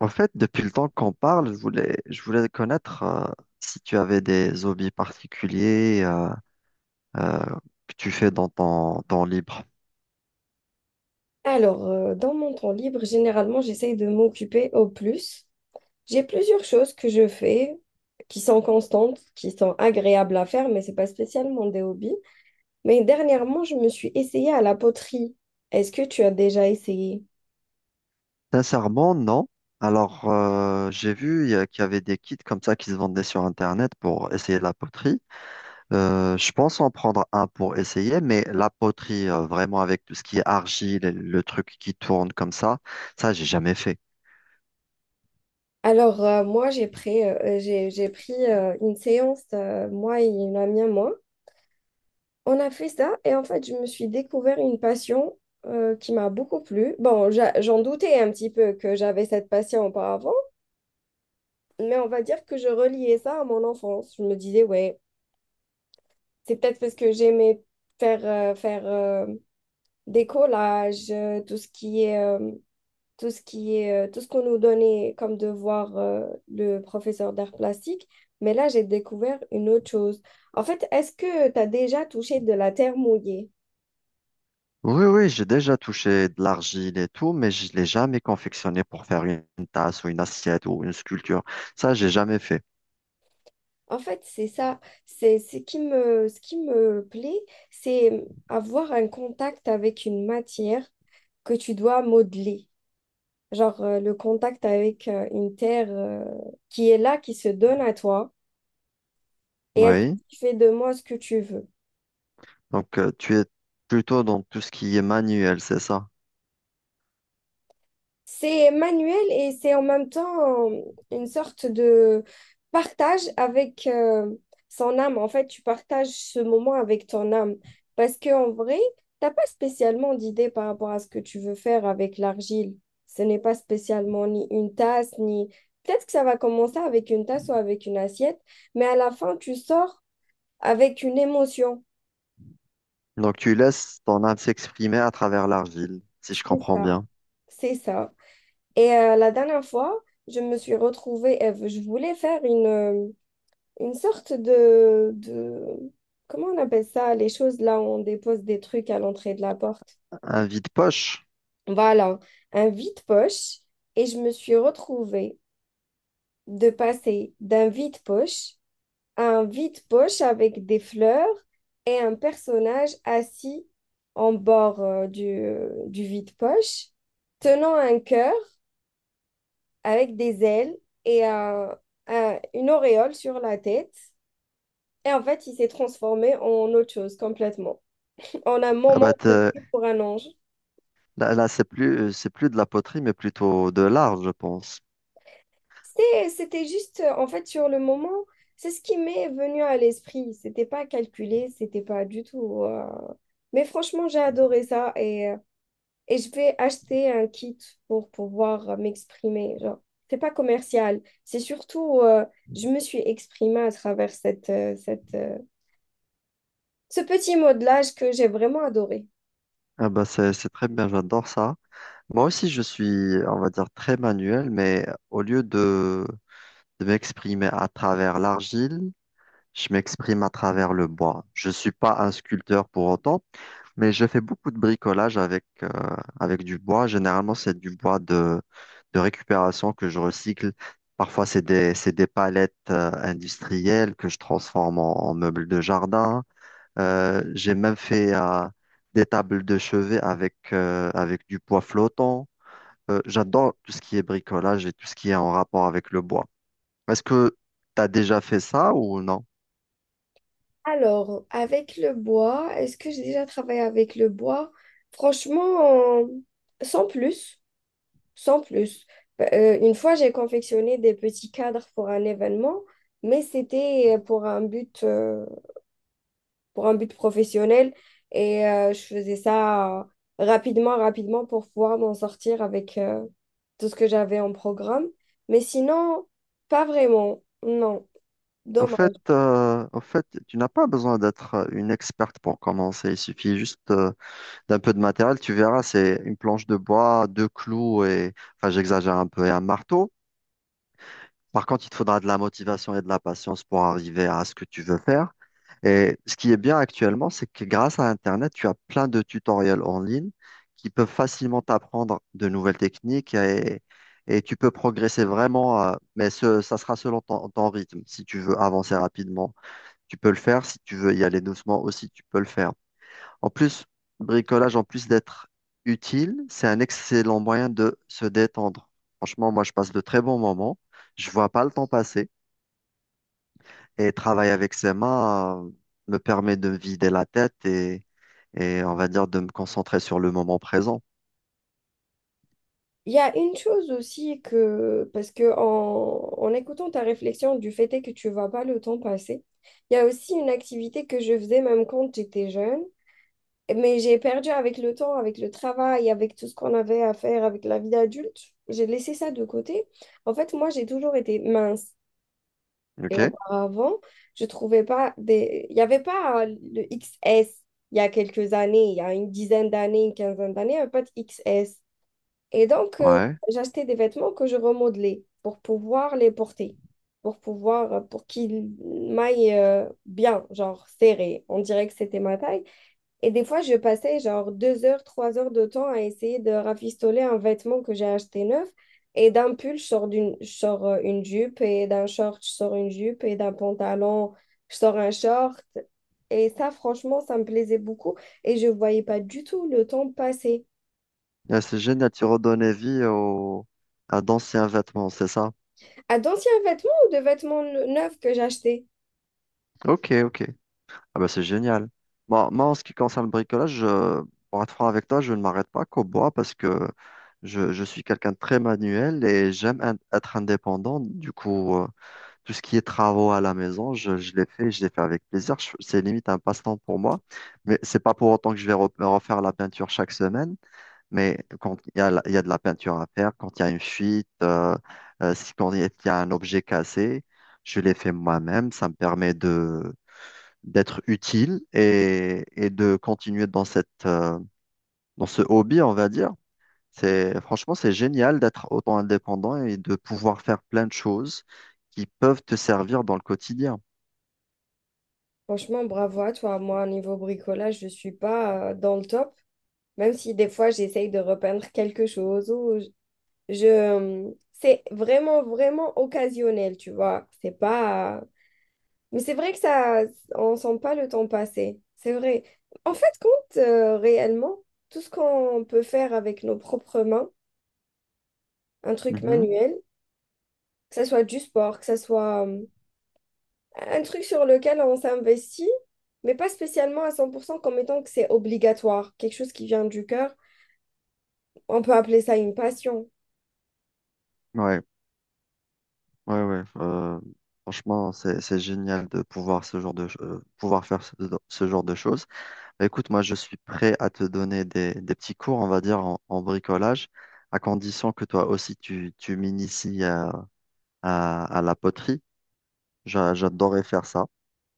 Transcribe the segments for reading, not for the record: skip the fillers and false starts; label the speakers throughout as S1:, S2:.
S1: En fait, depuis le temps qu'on parle, je voulais connaître si tu avais des hobbies particuliers euh, que tu fais dans ton temps libre.
S2: Dans mon temps libre, généralement, j'essaye de m'occuper au plus. J'ai plusieurs choses que je fais qui sont constantes, qui sont agréables à faire, mais c'est pas spécialement des hobbies. Mais dernièrement, je me suis essayée à la poterie. Est-ce que tu as déjà essayé?
S1: Sincèrement, non. Alors, j'ai vu qu'il y avait des kits comme ça qui se vendaient sur Internet pour essayer la poterie. Je pense en prendre un pour essayer, mais la poterie, vraiment avec tout ce qui est argile, et le truc qui tourne comme ça, j'ai jamais fait.
S2: Moi, j'ai pris une séance, moi et une amie à moi. On a fait ça et en fait, je me suis découvert une passion qui m'a beaucoup plu. Bon, j'en doutais un petit peu que j'avais cette passion auparavant, mais on va dire que je reliais ça à mon enfance. Je me disais, ouais, c'est peut-être parce que j'aimais faire des collages, tout ce qui est, tout ce qui est, tout ce qu'on nous donnait comme devoir, le professeur d'art plastique. Mais là, j'ai découvert une autre chose. En fait, est-ce que tu as déjà touché de la terre mouillée?
S1: Oui, oui, j'ai déjà touché de l'argile et tout, mais je l'ai jamais confectionné pour faire une tasse ou une assiette ou une sculpture. Ça, j'ai jamais fait.
S2: En fait, c'est ça. Ce qui me plaît, c'est avoir un contact avec une matière que tu dois modeler. Le contact avec une terre qui est là, qui se donne à toi, et elle te
S1: Oui.
S2: dit, fais de moi ce que tu veux.
S1: Donc, tu es plutôt dans tout ce qui est manuel, c'est ça?
S2: C'est manuel et c'est en même temps une sorte de partage avec son âme. En fait, tu partages ce moment avec ton âme, parce qu'en vrai, t'as pas spécialement d'idée par rapport à ce que tu veux faire avec l'argile. Ce n'est pas spécialement ni une tasse, ni... Peut-être que ça va commencer avec une tasse ou avec une assiette, mais à la fin, tu sors avec une émotion.
S1: Donc, tu laisses ton âme s'exprimer à travers l'argile, si je
S2: C'est
S1: comprends
S2: ça,
S1: bien.
S2: c'est ça. Et la dernière fois, je me suis retrouvée, Eve, je voulais faire une sorte de... Comment on appelle ça? Les choses là où on dépose des trucs à l'entrée de la porte.
S1: Un vide-poche?
S2: Voilà, un vide-poche. Et je me suis retrouvée de passer d'un vide-poche un vide-poche avec des fleurs et un personnage assis en bord du vide-poche, tenant un cœur avec des ailes et une auréole sur la tête. Et en fait, il s'est transformé en autre chose complètement, en un
S1: Ah bah
S2: moment de
S1: t'es-
S2: pluie pour un ange.
S1: là, c'est plus de la poterie, mais plutôt de l'art, je pense.
S2: C'était juste, en fait, sur le moment, c'est ce qui m'est venu à l'esprit. C'était pas calculé, c'était pas du tout. Mais franchement, j'ai adoré ça et et je vais acheter un kit pour pouvoir m'exprimer. Genre, c'est pas commercial, c'est surtout je me suis exprimée à travers cette ce petit modelage que j'ai vraiment adoré.
S1: Ah bah c'est très bien, j'adore ça. Moi aussi, je suis, on va dire, très manuel, mais au lieu de m'exprimer à travers l'argile, je m'exprime à travers le bois. Je suis pas un sculpteur pour autant, mais je fais beaucoup de bricolage avec, avec du bois. Généralement, c'est du bois de récupération que je recycle. Parfois, c'est des palettes industrielles que je transforme en, en meubles de jardin. J'ai même fait des tables de chevet avec, avec du bois flottant. J'adore tout ce qui est bricolage et tout ce qui est en rapport avec le bois. Est-ce que tu as déjà fait ça ou non?
S2: Alors, avec le bois, est-ce que j'ai déjà travaillé avec le bois? Franchement, sans plus, sans plus. Bah, une fois, j'ai confectionné des petits cadres pour un événement, mais c'était pour un but professionnel. Et je faisais ça rapidement, rapidement pour pouvoir m'en sortir avec tout ce que j'avais en programme. Mais sinon, pas vraiment. Non,
S1: En
S2: dommage.
S1: fait, en fait, tu n'as pas besoin d'être une experte pour commencer. Il suffit juste d'un peu de matériel. Tu verras, c'est une planche de bois, deux clous et, enfin, j'exagère un peu, et un marteau. Par contre, il te faudra de la motivation et de la patience pour arriver à ce que tu veux faire. Et ce qui est bien actuellement, c'est que grâce à Internet, tu as plein de tutoriels en ligne qui peuvent facilement t'apprendre de nouvelles techniques et tu peux progresser vraiment, mais ce, ça sera selon ton rythme, si tu veux avancer rapidement tu peux le faire. Si tu veux y aller doucement aussi, tu peux le faire. En plus, le bricolage, en plus d'être utile, c'est un excellent moyen de se détendre. Franchement, moi, je passe de très bons moments. Je vois pas le temps passer. Et travailler avec ses mains, me permet de me vider la tête et on va dire de me concentrer sur le moment présent.
S2: Il y a une chose aussi que, parce que en écoutant ta réflexion du fait est que tu vois pas le temps passer, il y a aussi une activité que je faisais même quand j'étais jeune. Mais j'ai perdu avec le temps, avec le travail, avec tout ce qu'on avait à faire, avec la vie d'adulte. J'ai laissé ça de côté. En fait, moi, j'ai toujours été mince. Et
S1: OK?
S2: auparavant, je trouvais pas des... Il n'y avait pas le XS il y a quelques années, il y a une dizaine d'années, une quinzaine d'années, il n'y avait pas de XS. Et donc,
S1: Ouais.
S2: j'achetais des vêtements que je remodelais pour pouvoir les porter, pour pouvoir, pour qu'ils m'aillent bien, genre serré. On dirait que c'était ma taille. Et des fois, je passais genre deux heures, trois heures de temps à essayer de rafistoler un vêtement que j'ai acheté neuf. Et d'un pull, je sors une jupe, et d'un short, je sors une jupe, et d'un pantalon, je sors un short. Et ça, franchement, ça me plaisait beaucoup. Et je ne voyais pas du tout le temps passer.
S1: Ah, c'est génial, tu redonnais vie au... à d'anciens vêtements, c'est ça?
S2: À d'anciens vêtements ou de vêtements neufs que j'achetais?
S1: Ok, ok. Ah bah c'est génial. Moi, en ce qui concerne le bricolage, pour être franc avec toi, je ne m'arrête pas qu'au bois parce que je suis quelqu'un de très manuel et être indépendant. Du coup, tout ce qui est travaux à la maison, je l'ai fait avec plaisir. C'est limite un passe-temps pour moi, mais c'est pas pour autant que je vais refaire la peinture chaque semaine. Mais quand il y a, il y a de la peinture à faire, quand il y a une fuite, si quand il y a un objet cassé, je l'ai fait moi-même. Ça me permet de d'être utile et de continuer dans cette dans ce hobby, on va dire. C'est franchement c'est génial d'être autant indépendant et de pouvoir faire plein de choses qui peuvent te servir dans le quotidien.
S2: Franchement, bravo à toi. Moi, niveau bricolage, je ne suis pas dans le top. Même si des fois, j'essaye de repeindre quelque chose ou je c'est vraiment, vraiment occasionnel, tu vois. C'est pas... Mais c'est vrai que ça, on sent pas le temps passer. C'est vrai. En fait, compte réellement, tout ce qu'on peut faire avec nos propres mains, un truc
S1: Mhm.
S2: manuel, que ce soit du sport, que ce soit un truc sur lequel on s'investit, mais pas spécialement à 100% comme étant que c'est obligatoire, quelque chose qui vient du cœur, on peut appeler ça une passion.
S1: Ouais, ouais, ouais. Franchement, c'est génial de pouvoir ce genre de ch- pouvoir faire ce genre de choses. Bah, écoute, moi, je suis prêt à te donner des petits cours, on va dire, en, en bricolage, à condition que toi aussi, tu m'inities à, à la poterie. J'adorerais faire ça.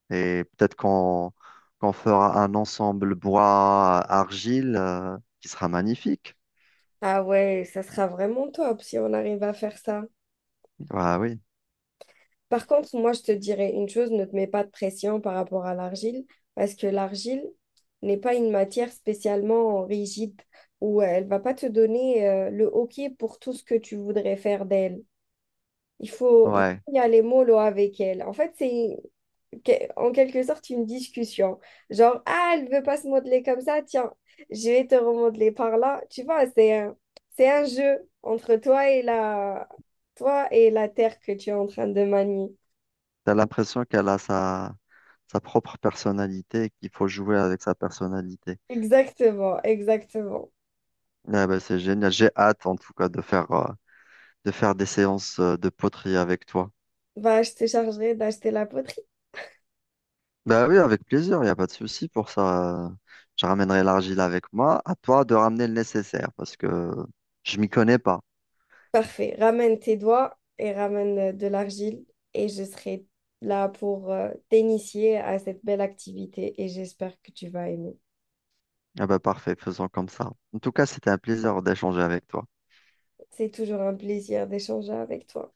S1: Et peut-être qu'on fera un ensemble bois-argile qui sera magnifique.
S2: Ah ouais, ça sera vraiment top si on arrive à faire ça.
S1: Ah oui.
S2: Par contre, moi, je te dirais une chose, ne te mets pas de pression par rapport à l'argile, parce que l'argile n'est pas une matière spécialement rigide où elle va pas te donner le OK pour tout ce que tu voudrais faire d'elle. Il
S1: Ouais.
S2: faut y aller mollo avec elle. En fait, en quelque sorte une discussion. Genre, ah, elle veut pas se modeler comme ça, tiens, je vais te remodeler par là. Tu vois, c'est un jeu entre toi et toi et la terre que tu es en train de manier.
S1: T'as l'impression qu'elle a sa, sa propre personnalité et qu'il faut jouer avec sa personnalité.
S2: Exactement, exactement.
S1: Ouais, ben c'est génial. J'ai hâte, en tout cas, de faire des séances de poterie avec toi.
S2: Bah, je te chargerai d'acheter la poterie.
S1: Bah oui, avec plaisir, il n'y a pas de souci pour ça. Je ramènerai l'argile avec moi. À toi de ramener le nécessaire parce que je m'y connais pas.
S2: Parfait. Ramène tes doigts et ramène de l'argile et je serai là pour t'initier à cette belle activité et j'espère que tu vas aimer.
S1: Ah bah parfait, faisons comme ça. En tout cas, c'était un plaisir d'échanger avec toi.
S2: C'est toujours un plaisir d'échanger avec toi.